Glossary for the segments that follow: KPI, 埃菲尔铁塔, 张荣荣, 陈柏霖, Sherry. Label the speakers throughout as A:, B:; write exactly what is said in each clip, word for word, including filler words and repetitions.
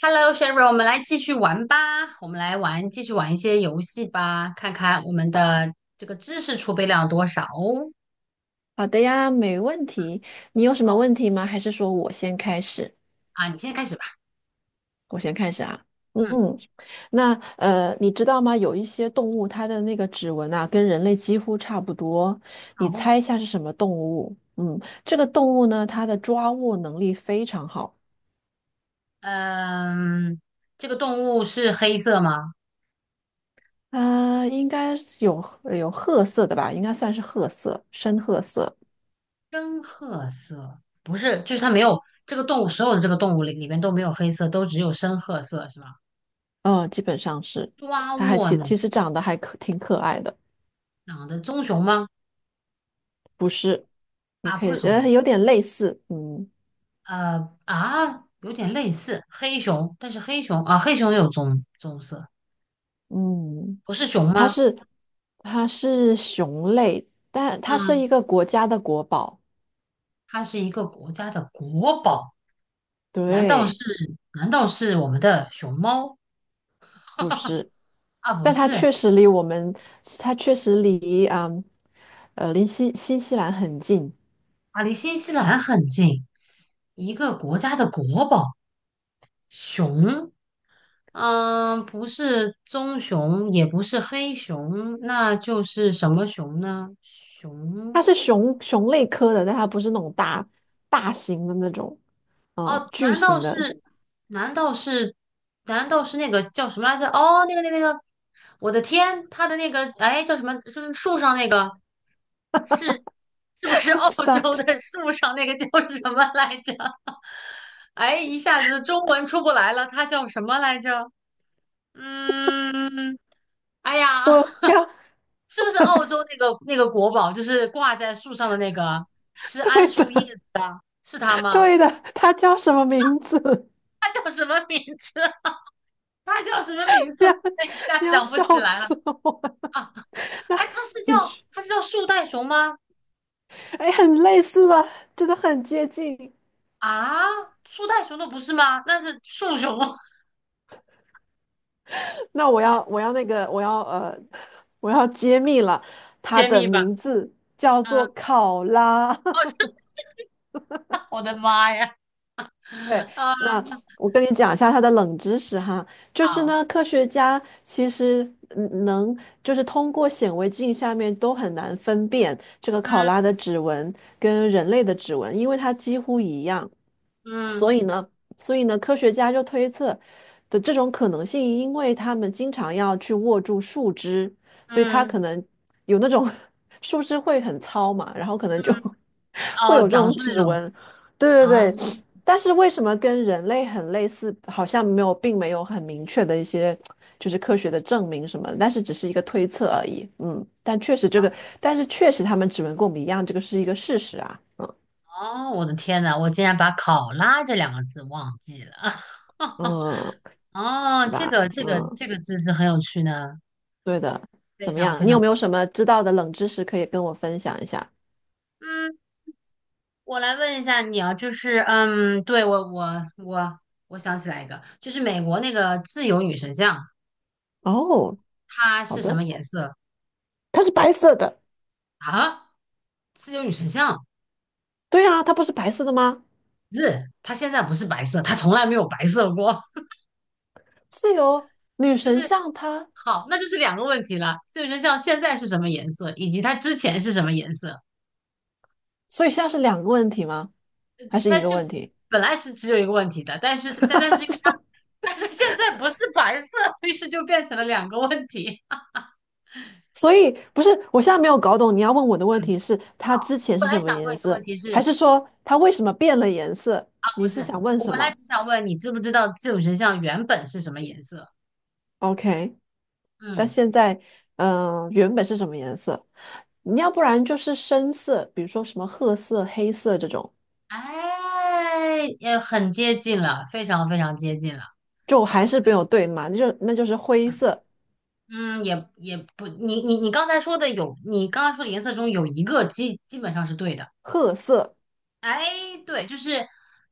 A: Hello, Sherry，我们来继续玩吧。我们来玩，继续玩一些游戏吧，看看我们的这个知识储备量有多少哦。
B: 好的呀，没问题。你有什么
A: 好
B: 问题吗？还是说我先开始？
A: 啊，你先开始吧。
B: 我先开始啊。嗯，
A: 嗯，
B: 那呃，你知道吗？有一些动物它的那个指纹啊，跟人类几乎差不多。你猜一
A: 好。
B: 下是什么动物？嗯，这个动物呢，它的抓握能力非常好。
A: 嗯，这个动物是黑色吗？
B: 啊、应该是有呃有褐色的吧？应该算是褐色，深褐色。
A: 深褐色，不是，就是它没有这个动物，所有的这个动物里里面都没有黑色，都只有深褐色，是吗？
B: 嗯，基本上是。
A: 抓
B: 它还
A: 握
B: 其
A: 呢？
B: 其实长得还可挺可爱的，
A: 长的棕熊吗？
B: 不是？你
A: 啊，
B: 可
A: 不是
B: 以
A: 棕
B: 呃，
A: 熊。
B: 有点类似，嗯。
A: 呃啊，有点类似黑熊，但是黑熊啊，黑熊有棕棕色。
B: 嗯，
A: 不是熊
B: 它
A: 吗？
B: 是它是熊类，但它是
A: 嗯，
B: 一个国家的国宝，
A: 它是一个国家的国宝，难道是
B: 对，
A: 难道是我们的熊猫
B: 是，
A: 啊？不
B: 但它
A: 是，
B: 确实离我们，它确实离嗯，呃，离新新西兰很近。
A: 啊，离新西兰很近，一个国家的国宝，熊。嗯，不是棕熊，也不是黑熊，那就是什么熊呢？
B: 它
A: 熊
B: 是熊熊类科的，但它不是那种大大型的那种，嗯，
A: 哦，
B: 巨
A: 难道
B: 型的。
A: 是？难道是？难道是那个叫什么来着？哦，那个那个那个，我的天，他的那个哎叫什么？就是树上那个是是不是
B: 我
A: 澳
B: 知道，
A: 洲的树上那个叫什么来着？哎，一下子中文出不来了，它叫什么来着？嗯，哎呀，
B: 我 要
A: 是不是澳洲那个那个国宝，就是挂在树上的那个吃 桉
B: 对
A: 树叶
B: 的
A: 子的，是它吗？
B: 对的，它叫什么名字？
A: 它叫什么名字？他叫什么名 字？
B: 你要
A: 我一下
B: 你要
A: 想不
B: 笑
A: 起来了。
B: 死我！
A: 啊！
B: 那
A: 哎，他是叫
B: 你说。
A: 他是叫树袋熊吗？
B: 哎，很类似了，真的很接近。
A: 啊，树袋熊的不是吗？那是树熊，
B: 那我要，我要那个，我要呃，我要揭秘了，它
A: 揭
B: 的
A: 秘吧。
B: 名字叫做
A: 嗯，
B: 考拉。
A: 哦，真我的妈呀！
B: 对，
A: 啊，
B: 那我跟你讲一下它的冷知识哈，就是
A: 好，
B: 呢，科学家其实嗯能就是通过显微镜下面都很难分辨这个考拉
A: 嗯
B: 的指纹跟人类的指纹，因为它几乎一样，
A: 嗯
B: 所以呢，所以呢，科学家就推测的这种可能性，因为他们经常要去握住树枝，所以它
A: 嗯
B: 可能有那种 树枝会很糙嘛，然后可能就
A: 嗯，
B: 会
A: 哦，
B: 有这
A: 讲
B: 种
A: 述那
B: 指
A: 种
B: 纹。对
A: 啊。
B: 对对，但是为什么跟人类很类似，好像没有，并没有很明确的一些就是科学的证明什么的但是只是一个推测而已。嗯，但确实这个，但是确实他们指纹跟我们一样，这个是一个事实啊。嗯
A: 哦，我的天呐，我竟然把考拉这两个字忘记了。
B: 嗯，
A: 哦，
B: 是
A: 这
B: 吧？
A: 个这个
B: 嗯，
A: 这个知识很有趣呢，
B: 对的。
A: 非
B: 怎么
A: 常
B: 样？
A: 非
B: 你
A: 常
B: 有
A: 有。
B: 没有什么知道的冷知识可以跟我分享一下？
A: 嗯，我来问一下你啊，就是嗯，对，我我我我想起来一个，就是美国那个自由女神像，
B: 哦，
A: 它
B: 好
A: 是什么
B: 的。
A: 颜色
B: 它是白色的，
A: 啊？自由女神像
B: 对啊，它不是白色的吗？
A: 不是，它现在不是白色，它从来没有白色过。
B: 自由女
A: 就
B: 神
A: 是
B: 像它，
A: 好，那就是两个问题了。自由女神像现在是什么颜色，以及它之前是什么颜色？
B: 所以现在是两个问题吗？还是
A: 它
B: 一个
A: 就
B: 问题？
A: 本来是只有一个问题的，但是但但是因为它 但是现在不是白色，于是就变成了两个问题。
B: 所以不是，我现在没有搞懂你要问我的 问题
A: 嗯，
B: 是它
A: 好，
B: 之
A: 我
B: 前
A: 本
B: 是
A: 来
B: 什么
A: 想问
B: 颜
A: 你的问
B: 色，
A: 题
B: 还
A: 是。
B: 是说它为什么变了颜色？
A: 不
B: 你
A: 是，
B: 是想问
A: 我
B: 什
A: 本来
B: 么
A: 只想问你知不知道这种神像原本是什么颜色？
B: ？OK，但
A: 嗯，
B: 现在，嗯、原本是什么颜色？你要不然就是深色，比如说什么褐色、黑色这种，
A: 哎，也很接近了，非常非常接近了。
B: 就还是没
A: 对，
B: 有对嘛，那就那就是灰
A: 嗯
B: 色、
A: 嗯，也也不，你你你刚才说的有，你刚刚说的颜色中有一个基基本上是对的。
B: 褐色、
A: 哎，对，就是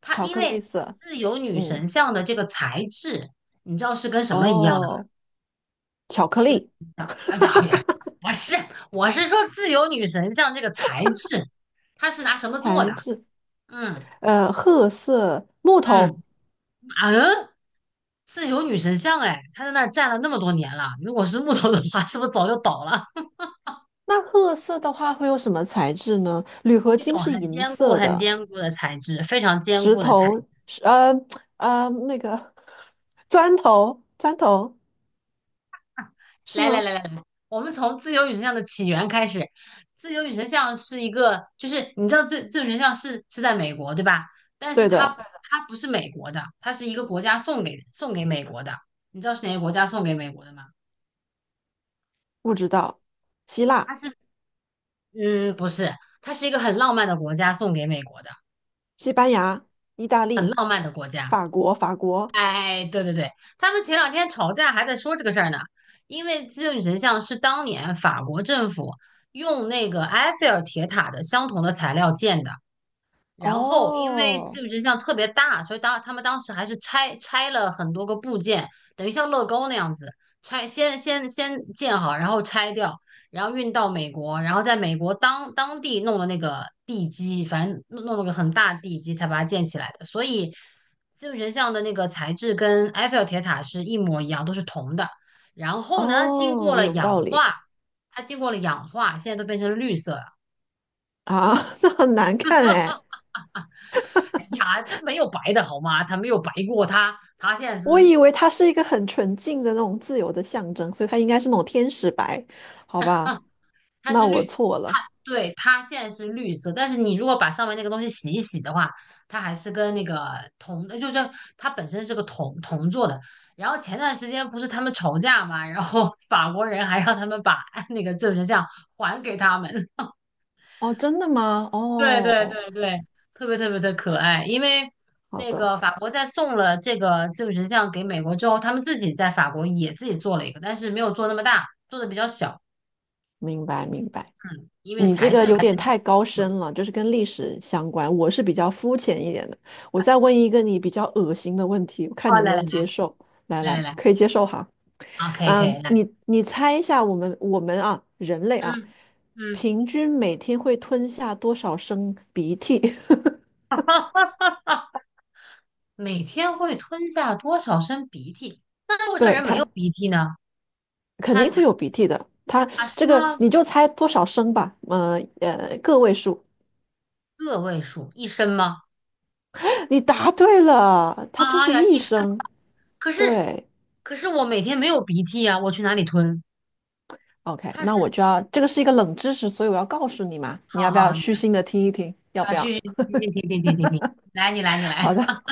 A: 它，
B: 巧
A: 因
B: 克力
A: 为
B: 色，
A: 自由女
B: 嗯，
A: 神像的这个材质，你知道是跟什么一样的吗？
B: 哦，巧克
A: 就由女
B: 力
A: 神像，啊不对啊不对我是我是说自由女神像这个材质，它是拿什么做
B: 材
A: 的？
B: 质，
A: 嗯。
B: 呃，褐色木头。
A: 嗯，马人自由女神像，哎，他在那儿站了那么多年了。如果是木头的话，是不是早就倒了？
B: 那褐色的话会有什么材质呢？铝 合
A: 这
B: 金
A: 种
B: 是
A: 很
B: 银
A: 坚固、
B: 色
A: 很
B: 的，
A: 坚固的材质，非常坚
B: 石
A: 固的材
B: 头
A: 质。
B: 是呃呃那个砖头砖头是
A: 来来
B: 吗？
A: 来来来，我们从自由女神像的起源开始。自由女神像是一个，就是你知道自自由女神像是是在美国对吧？但是
B: 对
A: 它
B: 的，
A: 不它不是美国的，它是一个国家送给送给美国的。你知道是哪个国家送给美国的吗？
B: 不知道。希
A: 它
B: 腊、
A: 是嗯，不是，它是一个很浪漫的国家送给美国的。
B: 西班牙、意大
A: 很
B: 利、
A: 浪漫的国家。
B: 法国、法国。
A: 哎，对对对，他们前两天吵架还在说这个事儿呢，因为自由女神像是当年法国政府用那个埃菲尔铁塔的相同的材料建的。然后因为技
B: 哦
A: 术真像特别大，所以当他们当时还是拆拆了很多个部件，等于像乐高那样子拆，先先先建好，然后拆掉，然后运到美国，然后在美国当当地弄了那个地基，反正弄弄了个很大的地基才把它建起来的。所以技术真像的那个材质跟埃菲尔铁塔是一模一样，都是铜的。然后呢，经过
B: 哦，
A: 了
B: 有
A: 氧
B: 道理
A: 化，它经过了氧化，现在都变成绿色了。
B: 啊，那很难看哎。
A: 哎呀，这没有白的好吗？他没有白过，他他现在
B: 我
A: 是
B: 以为它是一个很纯净的那种自由的象征，所以它应该是那种天使白，好吧？
A: 他
B: 那
A: 是
B: 我
A: 绿，
B: 错
A: 他
B: 了。
A: 对，他现在是绿色，但是你如果把上面那个东西洗一洗的话，它还是跟那个铜，就是它本身是个铜铜做的。然后前段时间不是他们吵架嘛，然后法国人还让他们把那个证人像还给他们。
B: 哦，真的吗？
A: 对对
B: 哦，
A: 对对，特别特别的可爱。因为
B: 好
A: 那
B: 的，
A: 个法国在送了这个技术神像给美国之后，他们自己在法国也自己做了一个，但是没有做那么大，做的比较小。
B: 明白明白。
A: 嗯，因为
B: 你这
A: 材
B: 个
A: 质
B: 有
A: 还
B: 点
A: 是比较
B: 太高
A: 稀
B: 深
A: 有。
B: 了，就是跟历史相关。我是比较肤浅一点的。我再问一个你比较恶心的问题，我看你
A: 哦，
B: 能不
A: 来来
B: 能
A: 来
B: 接受。来
A: 来来
B: 来，
A: 来，
B: 可以接受哈。
A: 好，可以可以
B: 嗯，
A: 来，
B: 你你猜一下，我们我们啊，人类啊，
A: 嗯嗯，
B: 平均每天会吞下多少升鼻涕？
A: 哈哈哈每天会吞下多少升鼻涕？那如 果这
B: 对，
A: 人没有
B: 它
A: 鼻涕呢？
B: 肯
A: 他
B: 定会有 鼻涕的。它
A: 啊什
B: 这个
A: 么
B: 你就猜多少升吧，呃呃，个位数。
A: 个位数？一升吗？
B: 你答对了，它就
A: 啊
B: 是
A: 呀，
B: 一
A: 一
B: 声。
A: 可是
B: 对
A: 可是我每天没有鼻涕啊，我去哪里吞？
B: ，OK，
A: 它
B: 那我
A: 是，
B: 就要，这个是一个冷知识，所以我要告诉你嘛，你
A: 好
B: 要不要
A: 好，你
B: 虚
A: 来
B: 心的听一听？要不
A: 啊，
B: 要？
A: 去去去去，停停停停停，来你来你
B: 好
A: 来，
B: 的，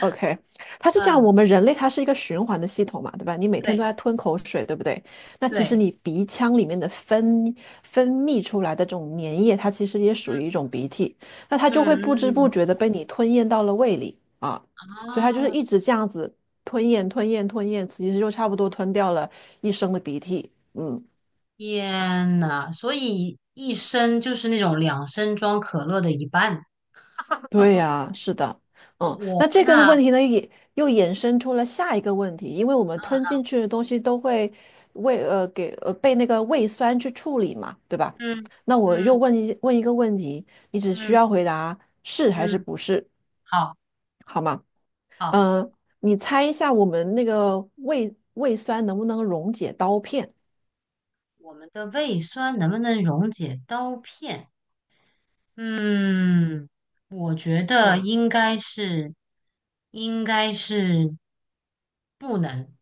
B: OK，它是这样，
A: 嗯，
B: 我们人类它是一个循环的系统嘛，对吧？你每天都
A: 对
B: 在吞口水，对不对？那其实
A: 对，
B: 你鼻腔里面的分分泌出来的这种粘液，它其实也属
A: 嗯
B: 于一种鼻涕，那它就会不知
A: 嗯
B: 不觉
A: 嗯，
B: 的被你吞咽到了胃里啊，所以它就是
A: 哦，
B: 一直这样子吞咽、吞咽、吞咽，其实就差不多吞掉了一升的鼻涕。嗯，
A: 天呐，所以一升就是那种两升装可乐的一半，
B: 对呀，是的，
A: 我
B: 嗯，那
A: 我
B: 这个的
A: 那。
B: 问题呢，也又衍生出了下一个问题，因为我们吞
A: 啊
B: 进去的东西都会胃呃给呃被那个胃酸去处理嘛，对吧？
A: 嗯
B: 那我又
A: 嗯
B: 问一问一个问题，你只需
A: 嗯
B: 要回答是还是
A: 嗯，嗯
B: 不是，
A: 好
B: 好吗？
A: 好，
B: 嗯，你猜一下我们那个胃胃酸能不能溶解刀片？
A: 我们的胃酸能不能溶解刀片？嗯，我觉得
B: 对
A: 应该是，应该是不能，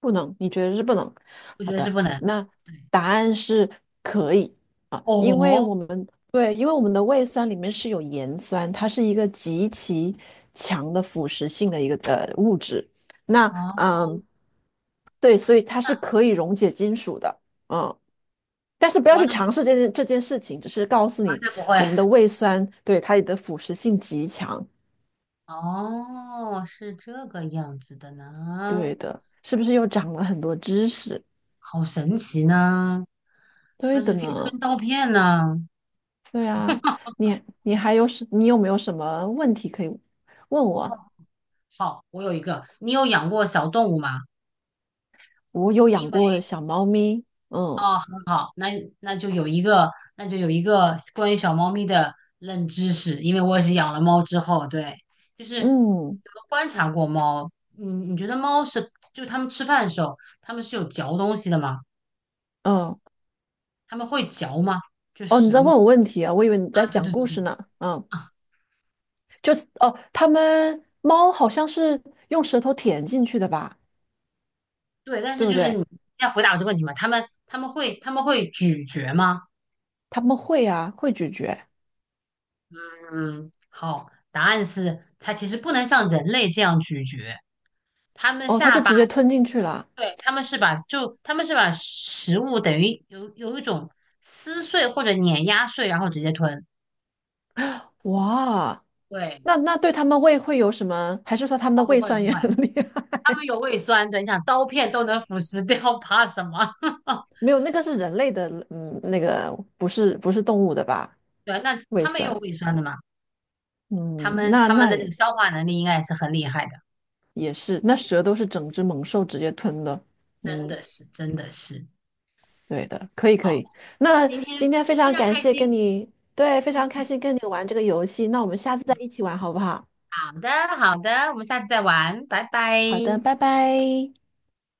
B: 不能，你觉得是不能？
A: 我觉
B: 好
A: 得是
B: 的，
A: 不能。
B: 那
A: 对，
B: 答案是可以啊，因为
A: 哦，
B: 我们对，因为我们的胃酸里面是有盐酸，它是一个极其强的腐蚀性的一个的物质。那
A: 啊，
B: 嗯，对，所以它是可以溶解金属的，嗯，但是不要去
A: 完了，
B: 尝试这件这件事情，只是告诉你
A: 绝不会。
B: 我们的胃酸对它的腐蚀性极强。
A: 哦，是这个样子的
B: 对
A: 呢，
B: 的，是不是又长了很多知识？
A: 好神奇呢，
B: 对
A: 它
B: 的
A: 是可以
B: 呢。
A: 吞刀片呢。
B: 对啊，你你还有什？你有没有什么问题可以问
A: 哦，
B: 我？
A: 好，我有一个，你有养过小动物吗？
B: 我有养过小猫咪，嗯
A: 哦，很好，那那就有一个，那就有一个关于小猫咪的冷知识，因为我也是养了猫之后，对，就是你有
B: 嗯
A: 没有观察过猫？嗯，你觉得猫是，就它们吃饭的时候，它们是有嚼东西的吗？
B: 嗯，
A: 它们会嚼吗？就
B: 哦，你
A: 食
B: 在
A: 物
B: 问我问题啊？我以为你在
A: 啊，对
B: 讲
A: 对对
B: 故事
A: 对
B: 呢。嗯，
A: 啊，
B: 就是哦，它们猫好像是用舌头舔进去的吧？
A: 对，但
B: 对
A: 是
B: 不
A: 就是
B: 对？
A: 你要回答我这个问题嘛，它们它们会它们会咀嚼吗？
B: 它们会啊，会咀嚼。
A: 嗯，好，答案是它其实不能像人类这样咀嚼，它们的
B: 哦，它
A: 下
B: 就
A: 巴。
B: 直接吞进去了。
A: 对，他们是把就他们是把食物等于有有一种撕碎或者碾压碎，然后直接吞。
B: 哇，
A: 对，
B: 那那对它们胃会有什么？还是说它们
A: 啊
B: 的
A: 不
B: 胃
A: 会不
B: 酸也
A: 会，
B: 很厉害？
A: 他们有胃酸的，你想刀片都能腐蚀掉，怕什么？
B: 没有，那个是人类的，嗯，那个不是不是动物的吧？
A: 对啊，那
B: 胃
A: 他们也有
B: 酸，
A: 胃酸的嘛，他
B: 嗯，
A: 们
B: 那
A: 他们
B: 那
A: 的这个消化能力应该也是很厉害的，
B: 也是，那蛇都是整只猛兽直接吞的，
A: 真
B: 嗯，
A: 的是真的是。
B: 对的，可以可
A: 好，
B: 以。那
A: 今
B: 今
A: 天
B: 天非
A: 非
B: 常
A: 常
B: 感
A: 开
B: 谢跟
A: 心。
B: 你，对，非
A: 嗯
B: 常开心跟你玩这个游戏，那我们下次再一起玩好不好？
A: 好的好的，我们下次再玩，拜拜。
B: 好的，拜拜。